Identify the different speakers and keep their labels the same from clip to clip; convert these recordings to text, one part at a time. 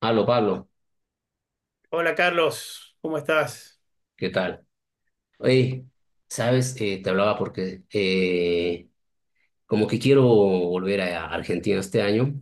Speaker 1: Aló, Pablo,
Speaker 2: Hola Carlos, ¿cómo estás?
Speaker 1: ¿qué tal? Oye, sabes, te hablaba porque como que quiero volver a Argentina este año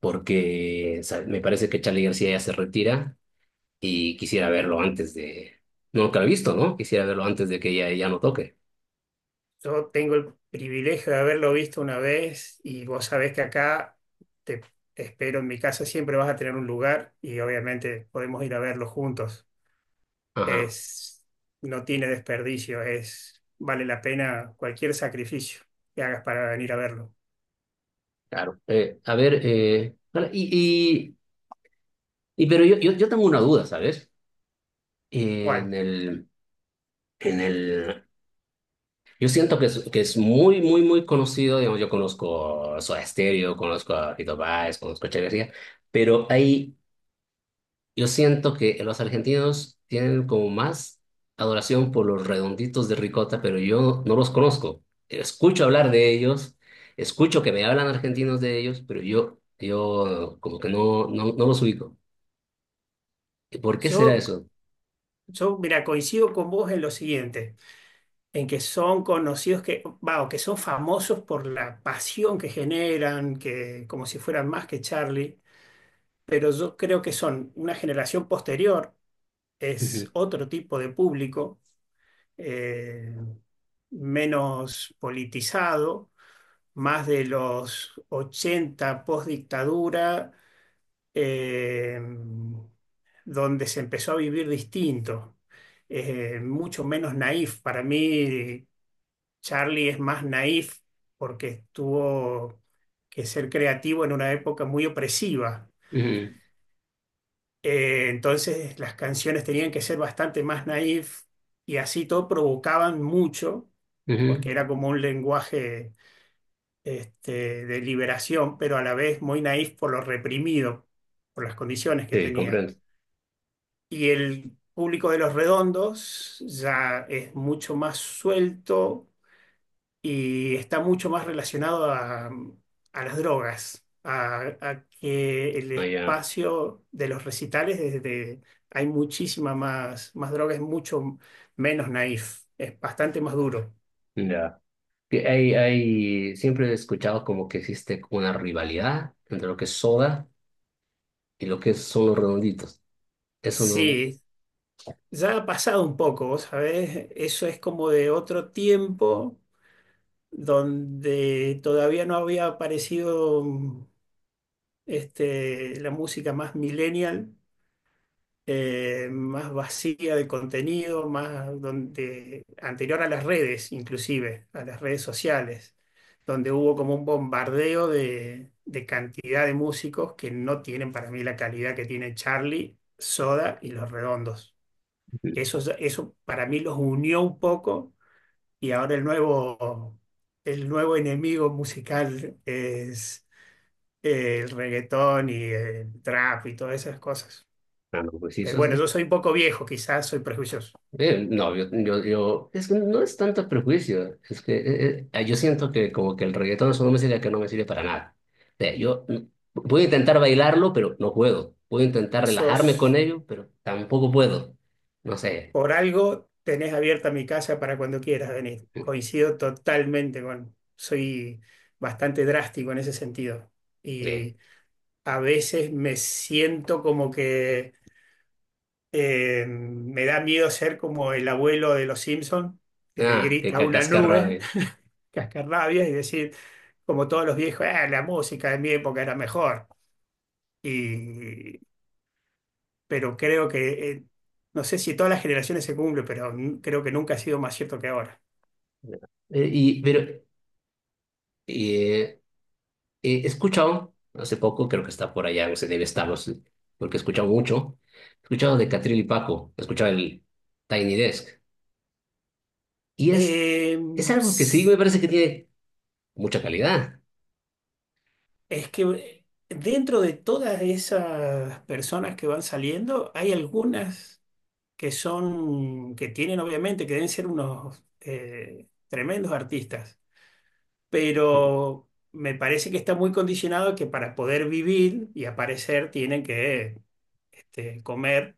Speaker 1: porque ¿sabes? Me parece que Charly García ya se retira y quisiera verlo antes de. No, nunca lo he visto, ¿no? Quisiera verlo antes de que ya, ya no toque.
Speaker 2: Yo tengo el privilegio de haberlo visto una vez y vos sabés que acá te espero en mi casa, siempre vas a tener un lugar y obviamente podemos ir a verlo juntos.
Speaker 1: Ajá,
Speaker 2: Es, no tiene desperdicio, vale la pena cualquier sacrificio que hagas para venir a verlo.
Speaker 1: claro. A ver, vale, pero yo tengo una duda, ¿sabes?
Speaker 2: Bueno,
Speaker 1: En el, en el Yo siento que es muy, muy, muy conocido. Digamos, yo conozco Soda Stereo, conozco a Fito Páez, conozco a Che García, pero ahí yo siento que los argentinos tienen como más adoración por los Redonditos de Ricota, pero yo no los conozco. Escucho hablar de ellos, escucho que me hablan argentinos de ellos, pero yo como que no los ubico. ¿Por qué será
Speaker 2: yo,
Speaker 1: eso?
Speaker 2: mira, coincido con vos en lo siguiente, en que son conocidos que, va, o que son famosos por la pasión que generan, que como si fueran más que Charlie, pero yo creo que son una generación posterior, es
Speaker 1: Ujú,
Speaker 2: otro tipo de público, eh, menos politizado, más de los 80 post dictadura, donde se empezó a vivir distinto. Mucho menos naif. Para mí, Charlie es más naif porque tuvo que ser creativo en una época muy opresiva.
Speaker 1: ujú,
Speaker 2: Entonces las canciones tenían que ser bastante más naif y así todo provocaban mucho,
Speaker 1: ujú.
Speaker 2: porque era como un lenguaje este, de liberación, pero a la vez muy naif por lo reprimido, por las condiciones que
Speaker 1: Sí,
Speaker 2: tenía.
Speaker 1: comprendo.
Speaker 2: Y el público de Los Redondos ya es mucho más suelto y está mucho más relacionado a las drogas, a que el
Speaker 1: Ah, ya,
Speaker 2: espacio de los recitales, desde, hay muchísima más, droga, es mucho menos naif, es bastante más duro.
Speaker 1: ya. Siempre he escuchado como que existe una rivalidad entre lo que es Soda y lo que son los Redonditos. Eso no.
Speaker 2: Sí, ya ha pasado un poco, vos ¿sabés? Eso es como de otro tiempo donde todavía no había aparecido este, la música más millennial, más vacía de contenido, más donde, anterior a las redes, inclusive, a las redes sociales, donde hubo como un bombardeo de, cantidad de músicos que no tienen para mí la calidad que tiene Charlie, Soda y Los Redondos. Eso para mí los unió un poco, y ahora el nuevo enemigo musical es... el reggaetón y el trap y todas esas cosas.
Speaker 1: Ah, no, pues sí,
Speaker 2: Pero bueno, yo soy un poco viejo, quizás soy prejuicioso.
Speaker 1: no, es que no es tanto prejuicio. Es que yo siento que como que el reggaetón es una música que no me sirve para nada. O sea, yo puedo intentar bailarlo, pero no puedo. Puedo intentar relajarme con
Speaker 2: Sos,
Speaker 1: ello, pero tampoco puedo. No sé.
Speaker 2: por algo, tenés abierta mi casa para cuando quieras venir.
Speaker 1: mm,
Speaker 2: Coincido totalmente con, soy bastante drástico en ese sentido.
Speaker 1: eh,
Speaker 2: Y a veces me siento como que me da miedo ser como el abuelo de los Simpson, que le
Speaker 1: Ah, qué
Speaker 2: grita a una nube,
Speaker 1: cascarrabe.
Speaker 2: cascarrabias, y decir, como todos los viejos: "Ah, la música de mi época era mejor". Y pero creo que, no sé si todas las generaciones se cumple, pero creo que nunca ha sido más cierto que ahora.
Speaker 1: Eh, y, pero, He escuchado hace poco, creo que está por allá, se debe estar, no sé, porque he escuchado mucho. He escuchado de Catril y Paco, he escuchado el Tiny Desk. Y es,
Speaker 2: Eh,
Speaker 1: es algo que sí me
Speaker 2: s-
Speaker 1: parece que tiene mucha calidad.
Speaker 2: es que dentro de todas esas personas que van saliendo, hay algunas que son, que tienen obviamente, que deben ser unos tremendos artistas, pero me parece que está muy condicionado que para poder vivir y aparecer tienen que este, comer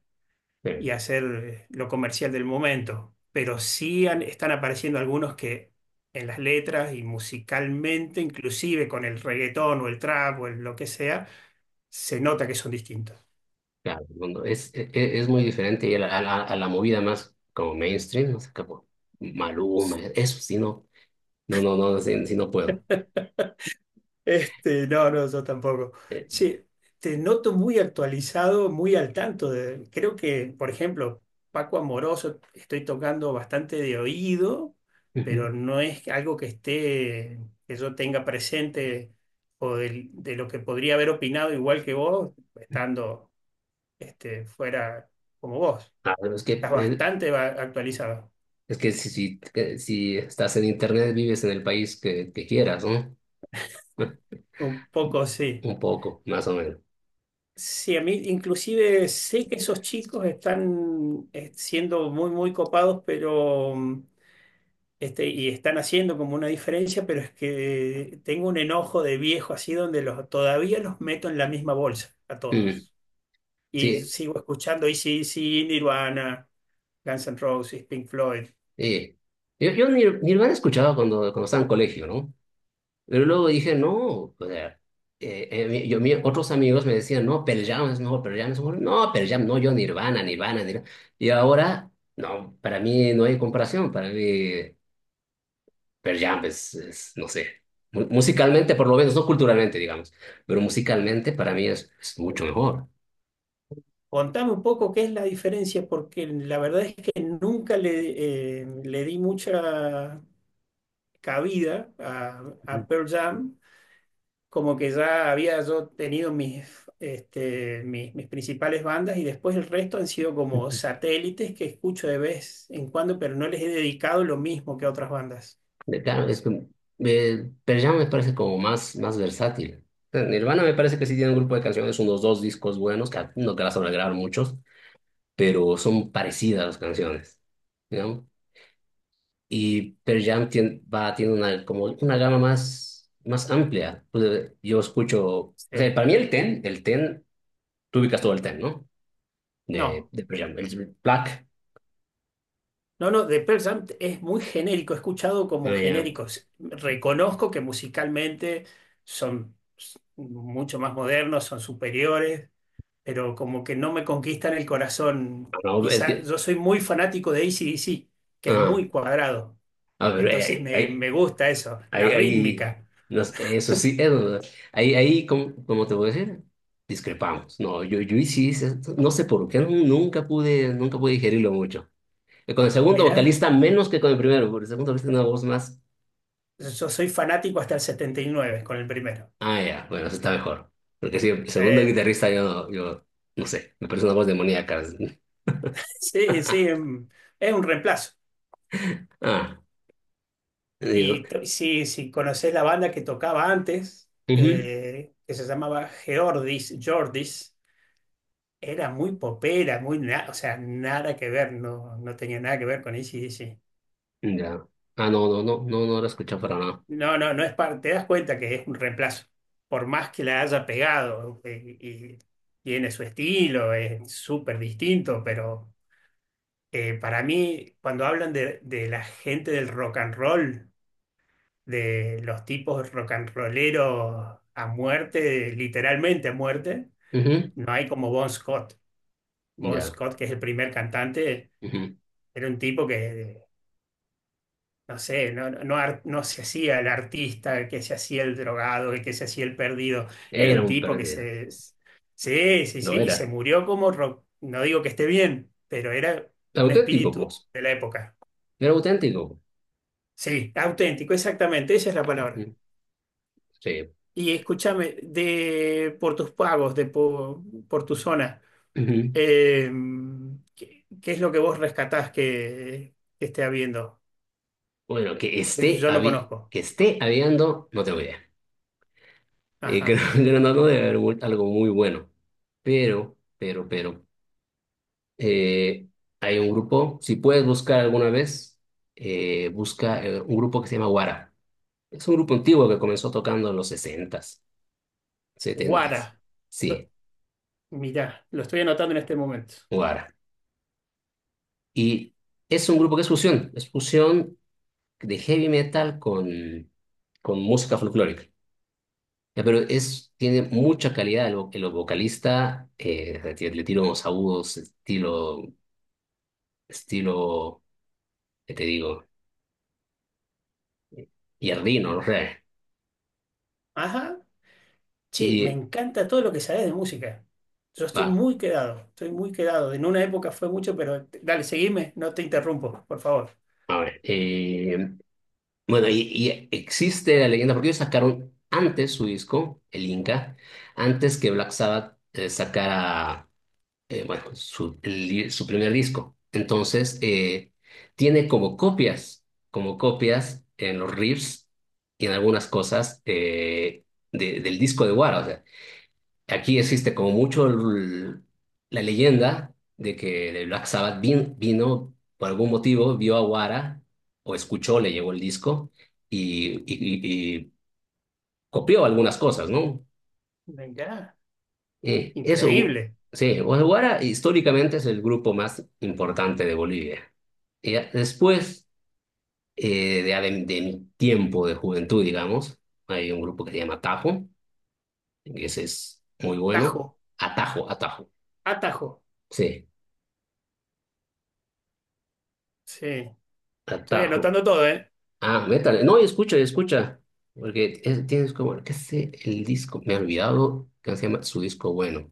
Speaker 1: Pero,
Speaker 2: y hacer lo comercial del momento. Pero sí están apareciendo algunos que en las letras y musicalmente, inclusive con el reggaetón o el trap o el lo que sea, se nota que son distintos.
Speaker 1: claro, el mundo es muy diferente, y a la, movida más como mainstream, no sé, como Maluma. Eso sí, no, no, no, no, sí, sí no puedo.
Speaker 2: Este, no, no, yo tampoco.
Speaker 1: Eh,
Speaker 2: Sí, te noto muy actualizado, muy al tanto de, creo que, por ejemplo, Paco Amoroso, estoy tocando bastante de oído,
Speaker 1: Ujú.
Speaker 2: pero no es algo que esté, que yo tenga presente o de, lo que podría haber opinado igual que vos, estando este, fuera como vos.
Speaker 1: Ah, pero
Speaker 2: Estás bastante actualizado.
Speaker 1: es que que si estás en internet, vives en el país que, quieras, ¿no?
Speaker 2: Un poco sí.
Speaker 1: Un poco, más o menos.
Speaker 2: Sí, a mí inclusive sé que esos chicos están siendo muy, muy copados, pero este, y están haciendo como una diferencia, pero es que tengo un enojo de viejo así donde los, todavía los meto en la misma bolsa a
Speaker 1: Mm.
Speaker 2: todos. Y
Speaker 1: Sí,
Speaker 2: sigo escuchando sí dc Nirvana, Guns N' Roses, Pink Floyd.
Speaker 1: eh, yo, yo Nirvana escuchaba cuando estaba en colegio, ¿no? Pero luego dije, no, o sea, otros amigos me decían, no, Pearl Jam es mejor, Pearl Jam es mejor. No, Pearl Jam, no, yo Nirvana, Nirvana, Nirvana. Y ahora, no, para mí no hay comparación. Para mí Pearl Jam es, no sé, musicalmente por lo menos, no culturalmente, digamos, pero musicalmente para mí es mucho mejor.
Speaker 2: Contame un poco qué es la diferencia, porque la verdad es que nunca le di mucha cabida a Pearl Jam, como que ya había yo tenido mis principales bandas y después el resto han sido como satélites que escucho de vez en cuando, pero no les he dedicado lo mismo que a otras bandas.
Speaker 1: Claro, es que Pearl Jam me parece como más, más versátil. O sea, Nirvana me parece que sí tiene un grupo de canciones, unos dos discos buenos, que no que las van a grabar muchos, pero son parecidas las canciones, ¿no? Y Pearl Jam tiene, va, tiene una, como una gama más, más amplia. Pues, yo escucho, o sea,
Speaker 2: Sí.
Speaker 1: para mí el Ten, tú ubicas todo el Ten, ¿no?
Speaker 2: No,
Speaker 1: De Pearl Jam, el Black,
Speaker 2: no, no, The Pearl Jam es muy genérico, he escuchado como
Speaker 1: eh,
Speaker 2: genéricos. Reconozco que musicalmente son mucho más modernos, son superiores, pero como que no me conquistan el corazón.
Speaker 1: ah, no, es
Speaker 2: Quizá
Speaker 1: que,
Speaker 2: yo soy muy fanático de AC/DC, que es
Speaker 1: ah,
Speaker 2: muy cuadrado.
Speaker 1: a ver,
Speaker 2: Entonces me, me gusta eso, la
Speaker 1: ahí, ahí,
Speaker 2: rítmica.
Speaker 1: no sé, eso sí, eso, ahí, ahí, ¿cómo te voy a decir? Discrepamos. No, yo sí, no sé por qué, nunca pude, nunca pude digerirlo mucho. Con el segundo
Speaker 2: Mirá,
Speaker 1: vocalista menos que con el primero, porque el segundo vocalista tiene una voz más.
Speaker 2: yo soy fanático hasta el 79 con el primero.
Speaker 1: Ah, ya, bueno, eso está mejor. Porque sí, el
Speaker 2: Sí,
Speaker 1: segundo guitarrista yo, yo, no sé, me parece una voz demoníaca.
Speaker 2: sí, sí, es un reemplazo.
Speaker 1: Ah, digo,
Speaker 2: Si conocés la banda que tocaba antes,
Speaker 1: ujú,
Speaker 2: que se llamaba Geordis, Jordis, era muy popera, muy o sea, nada que ver, no, no tenía nada que ver con ac.
Speaker 1: ya. Ah, no, no, no, no, no lo escuché para nada.
Speaker 2: No, no, no es parte. Te das cuenta que es un reemplazo. Por más que la haya pegado y tiene su estilo, es súper distinto, pero para mí, cuando hablan de la gente del rock and roll, de los tipos rock and rolleros a muerte, literalmente a muerte,
Speaker 1: Ujú,
Speaker 2: no hay como Bon Scott. Bon
Speaker 1: ya,
Speaker 2: Scott, que es el primer cantante,
Speaker 1: ujú.
Speaker 2: era un tipo que no sé, no, no, no no se hacía el artista, el que se hacía el drogado, el que se hacía el perdido. Era
Speaker 1: Era
Speaker 2: un
Speaker 1: un
Speaker 2: tipo que
Speaker 1: perdido,
Speaker 2: se... Sí, sí, sí,
Speaker 1: lo
Speaker 2: y se
Speaker 1: era.
Speaker 2: murió como rock. No digo que esté bien, pero era un
Speaker 1: Auténtico,
Speaker 2: espíritu
Speaker 1: pues.
Speaker 2: de la época.
Speaker 1: Pero auténtico.
Speaker 2: Sí, auténtico, exactamente, esa es la palabra.
Speaker 1: Ujú, sí.
Speaker 2: Y escúchame, de, por tus pagos, de, por, tu zona,
Speaker 1: Ujú.
Speaker 2: eh, ¿qué, qué es lo que vos rescatás que esté habiendo?
Speaker 1: Bueno,
Speaker 2: Que yo no conozco.
Speaker 1: que esté habiendo, no tengo idea. Creo
Speaker 2: Ajá.
Speaker 1: que no debe haber algo algo muy bueno. Pero, pero, pero, eh, Hay un grupo, si puedes buscar alguna vez, busca un grupo que se llama Guara. Es un grupo antiguo que comenzó tocando en los 60s 70s.
Speaker 2: Guara.
Speaker 1: Sí,
Speaker 2: Mirá, lo estoy anotando en este momento.
Speaker 1: Guara. Y es un grupo que es fusión de heavy metal con, música folclórica. Ya, pero tiene mucha calidad el vocalista. Le tiro unos agudos, estilo, ¿qué te digo? Yardino, no sé.
Speaker 2: Ajá, sí, me
Speaker 1: Y
Speaker 2: encanta todo lo que sabes de música. Yo estoy
Speaker 1: va,
Speaker 2: muy quedado, estoy muy quedado. En una época fue mucho, pero dale, seguime, no te interrumpo, por favor.
Speaker 1: a ver. Bueno, existe la leyenda, porque ellos sacaron antes su disco, el Inca, antes que Black Sabbath sacara bueno, su, el di- su primer disco. Entonces, tiene como copias en los riffs y en algunas cosas, del disco de Wara. O sea, aquí existe como mucho la leyenda de Black Sabbath vino, por algún motivo, vio a Wara, o escuchó, le llegó el disco y, y, y- y copió algunas cosas, ¿no?
Speaker 2: Venga,
Speaker 1: Eso,
Speaker 2: increíble.
Speaker 1: sí, Guara históricamente es el grupo más importante de Bolivia. Y ya después de mi tiempo de juventud, digamos, hay un grupo que se llama Atajo, que ese es muy
Speaker 2: Tajo,
Speaker 1: bueno. Atajo, Atajo,
Speaker 2: atajo.
Speaker 1: sí,
Speaker 2: Sí, estoy
Speaker 1: Atajo.
Speaker 2: anotando todo, ¿eh?
Speaker 1: Ah, métale, no, y escucha, porque tienes como, qué sé, el disco, me he olvidado que se llama su disco bueno.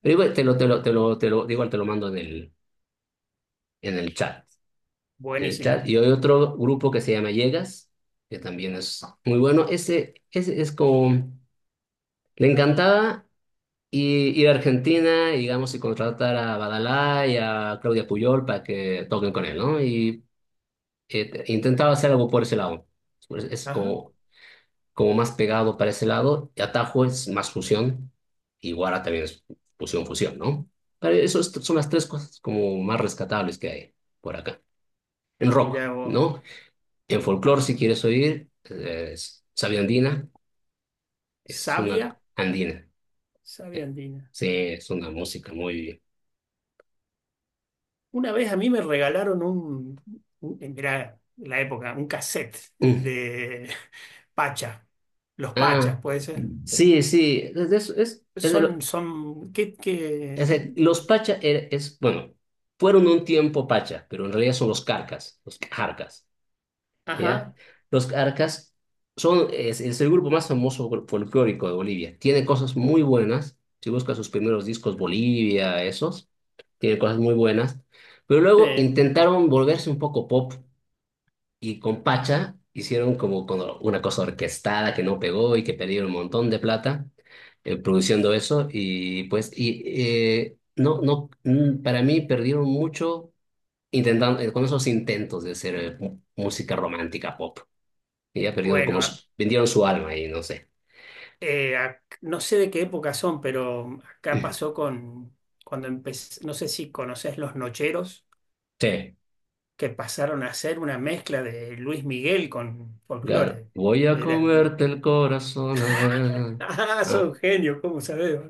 Speaker 1: Pero igual te lo, igual te lo mando en el chat.
Speaker 2: Buenísimo.
Speaker 1: Y hay otro grupo que se llama Llegas, que también es muy bueno. Ese es como, le encantaba ir a Argentina, digamos, y contratar a Badalá y a Claudia Puyol para que toquen con él, ¿no? Y intentaba hacer algo por ese lado. Pues es
Speaker 2: Ajá,
Speaker 1: como más pegado para ese lado. Y Atajo es más fusión. Y Guara también es fusión, fusión, ¿no? Pero son las tres cosas como más rescatables que hay por acá. En rock,
Speaker 2: mirá vos.
Speaker 1: ¿no? En folclore, si quieres oír, es Sabia Andina, es una
Speaker 2: Sabia,
Speaker 1: andina.
Speaker 2: sabia
Speaker 1: Eh,
Speaker 2: andina.
Speaker 1: Sí, es una música muy...
Speaker 2: Una vez a mí me regalaron mirá, la época, un cassette
Speaker 1: Mm.
Speaker 2: de Pacha, los Pachas,
Speaker 1: Ah,
Speaker 2: puede ser.
Speaker 1: sí, sí, es de
Speaker 2: Son,
Speaker 1: lo-
Speaker 2: son, ¿qué, qué?
Speaker 1: es de- los Pacha, es, bueno, fueron un tiempo Pacha, pero en realidad son los Carcas, los Jarcas. ¿Ya?
Speaker 2: Ajá,
Speaker 1: Los Arcas son, es el grupo más famoso folclórico de Bolivia. Tiene cosas muy buenas. Si buscas sus primeros discos Bolivia, esos, tiene cosas muy buenas. Pero luego
Speaker 2: sí.
Speaker 1: intentaron volverse un poco pop y con Pacha hicieron como con una cosa orquestada que no pegó y que perdieron un montón de plata produciendo eso y pues y no no mm, para mí perdieron mucho intentando con esos intentos de hacer música romántica pop, que ya perdieron
Speaker 2: Bueno,
Speaker 1: como vendieron su alma y no sé.
Speaker 2: no sé de qué época son, pero acá pasó cuando empecé, no sé si conoces Los Nocheros,
Speaker 1: Sí.
Speaker 2: que pasaron a ser una mezcla de Luis Miguel con
Speaker 1: Claro.
Speaker 2: folclore.
Speaker 1: Voy a
Speaker 2: Eran,
Speaker 1: comerte el corazón a ver.
Speaker 2: ah,
Speaker 1: Ah,
Speaker 2: son genios, ¿cómo sabés?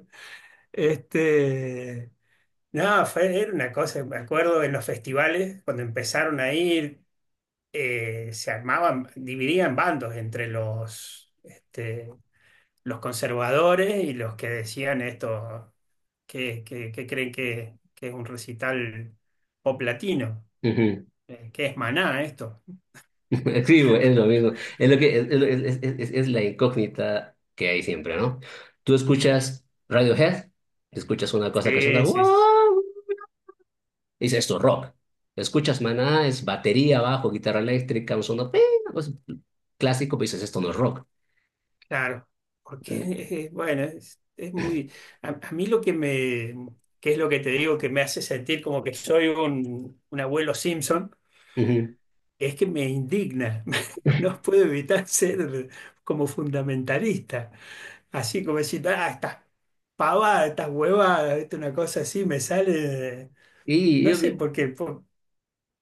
Speaker 2: Este, no, fue, era una cosa, me acuerdo en los festivales, cuando empezaron a ir, se armaban, dividían bandos entre los, este, los conservadores y los que decían esto, que creen que es un recital pop latino,
Speaker 1: ujú.
Speaker 2: que es Maná esto.
Speaker 1: Sí, güey, es lo mismo. Es lo que es la incógnita que hay siempre, ¿no? Tú escuchas Radiohead, escuchas una cosa que suena
Speaker 2: Sí, sí, sí,
Speaker 1: wow, dices esto es rock. Escuchas Maná, es batería, bajo, guitarra eléctrica, un sonido "ping", una cosa clásico, pero dices esto no es rock.
Speaker 2: claro. Porque,
Speaker 1: Mm,
Speaker 2: bueno, es muy... A mí lo que me... ¿Que es lo que te digo que me hace sentir como que soy un abuelo Simpson?
Speaker 1: ujú.
Speaker 2: Es que me indigna. No puedo evitar ser como fundamentalista. Así como decir: "Ah, estas pavadas, estas huevadas, ¿viste?". Una cosa así me sale, de-
Speaker 1: Y
Speaker 2: no
Speaker 1: yo,
Speaker 2: sé,
Speaker 1: pi-
Speaker 2: porque por-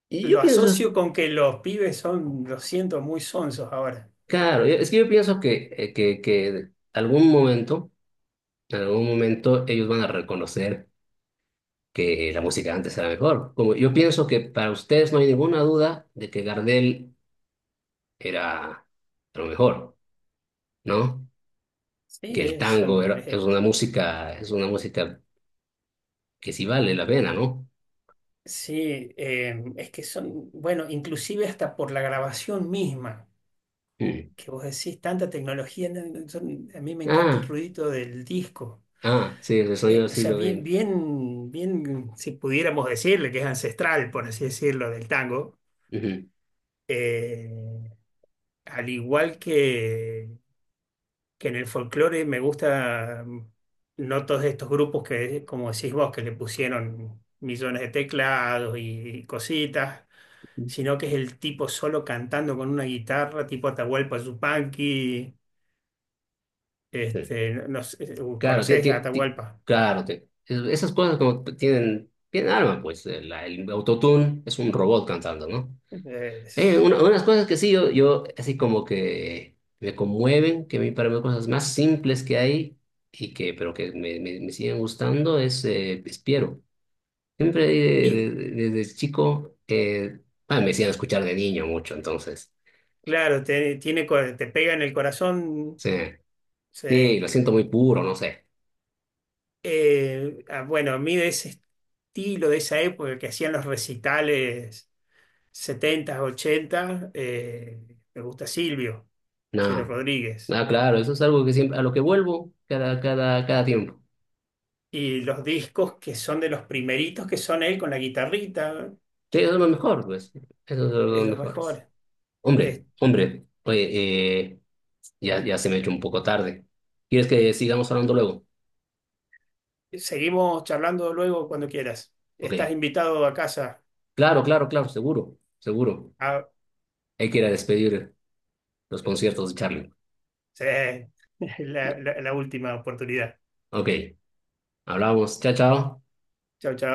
Speaker 1: y yo
Speaker 2: lo
Speaker 1: pienso.
Speaker 2: asocio con que los pibes son, lo siento, muy sonsos ahora.
Speaker 1: Claro, es que yo pienso que, que algún momento, en algún momento ellos van a reconocer que la música de antes era mejor. Como yo pienso que para ustedes no hay ninguna duda de que Gardel era lo mejor, ¿no?
Speaker 2: Sí,
Speaker 1: Que el tango era, es una música que sí vale la pena, ¿no?
Speaker 2: sí, es que son, bueno, inclusive hasta por la grabación misma,
Speaker 1: Mm.
Speaker 2: que vos decís, tanta tecnología, no, no, a mí me encanta el
Speaker 1: Ah,
Speaker 2: ruidito del disco.
Speaker 1: ah, sí, el sonido del
Speaker 2: O sea,
Speaker 1: siglo
Speaker 2: bien,
Speaker 1: veinte.
Speaker 2: bien, bien, si pudiéramos decirle que es ancestral, por así decirlo, del tango.
Speaker 1: Ujú.
Speaker 2: Eh, Al igual que en el folclore, me gusta no todos estos grupos que, como decís vos, que le pusieron millones de teclados y, cositas, sino que es el tipo solo cantando con una guitarra, tipo Atahualpa Yupanqui.
Speaker 1: Sí.
Speaker 2: Este, no no sé,
Speaker 1: Claro,
Speaker 2: ¿conocés a Atahualpa?
Speaker 1: esas cosas como que tienen alma, pues el autotune es un robot cantando, ¿no?
Speaker 2: Es-
Speaker 1: Unas cosas que sí, yo así como que me conmueven, que a mí para mí cosas más simples que hay, y que, pero que me siguen gustando, es Piero. Siempre
Speaker 2: y
Speaker 1: desde chico, ah, me hacían escuchar de niño mucho, entonces,
Speaker 2: claro, te, tiene, te pega en el corazón.
Speaker 1: sí, sí,
Speaker 2: Sí.
Speaker 1: lo siento muy puro, no sé.
Speaker 2: Ah, bueno, a mí de ese estilo, de esa época que hacían los recitales 70 80, me gusta Silvio, Silvio
Speaker 1: No.
Speaker 2: Rodríguez.
Speaker 1: Ah, claro, eso es algo que siempre, a lo que vuelvo cada, cada, cada tiempo.
Speaker 2: Y los discos que son de los primeritos, que son él con la guitarrita,
Speaker 1: Sí, eso es lo
Speaker 2: eh,
Speaker 1: mejor, pues. Eso es lo
Speaker 2: es lo
Speaker 1: mejor.
Speaker 2: mejor.
Speaker 1: Hombre,
Speaker 2: Es-
Speaker 1: hombre, oye, ya, ya se me ha hecho un poco tarde. ¿Quieres que sigamos hablando luego?
Speaker 2: Seguimos charlando luego cuando quieras.
Speaker 1: Ok.
Speaker 2: Estás invitado a casa.
Speaker 1: Claro, claro, claro, seguro, seguro.
Speaker 2: Ah,
Speaker 1: Hay que ir a despedir los conciertos de Charlie.
Speaker 2: sí, la última oportunidad.
Speaker 1: Ok, hablamos. Chao, chao.
Speaker 2: Chao, chao.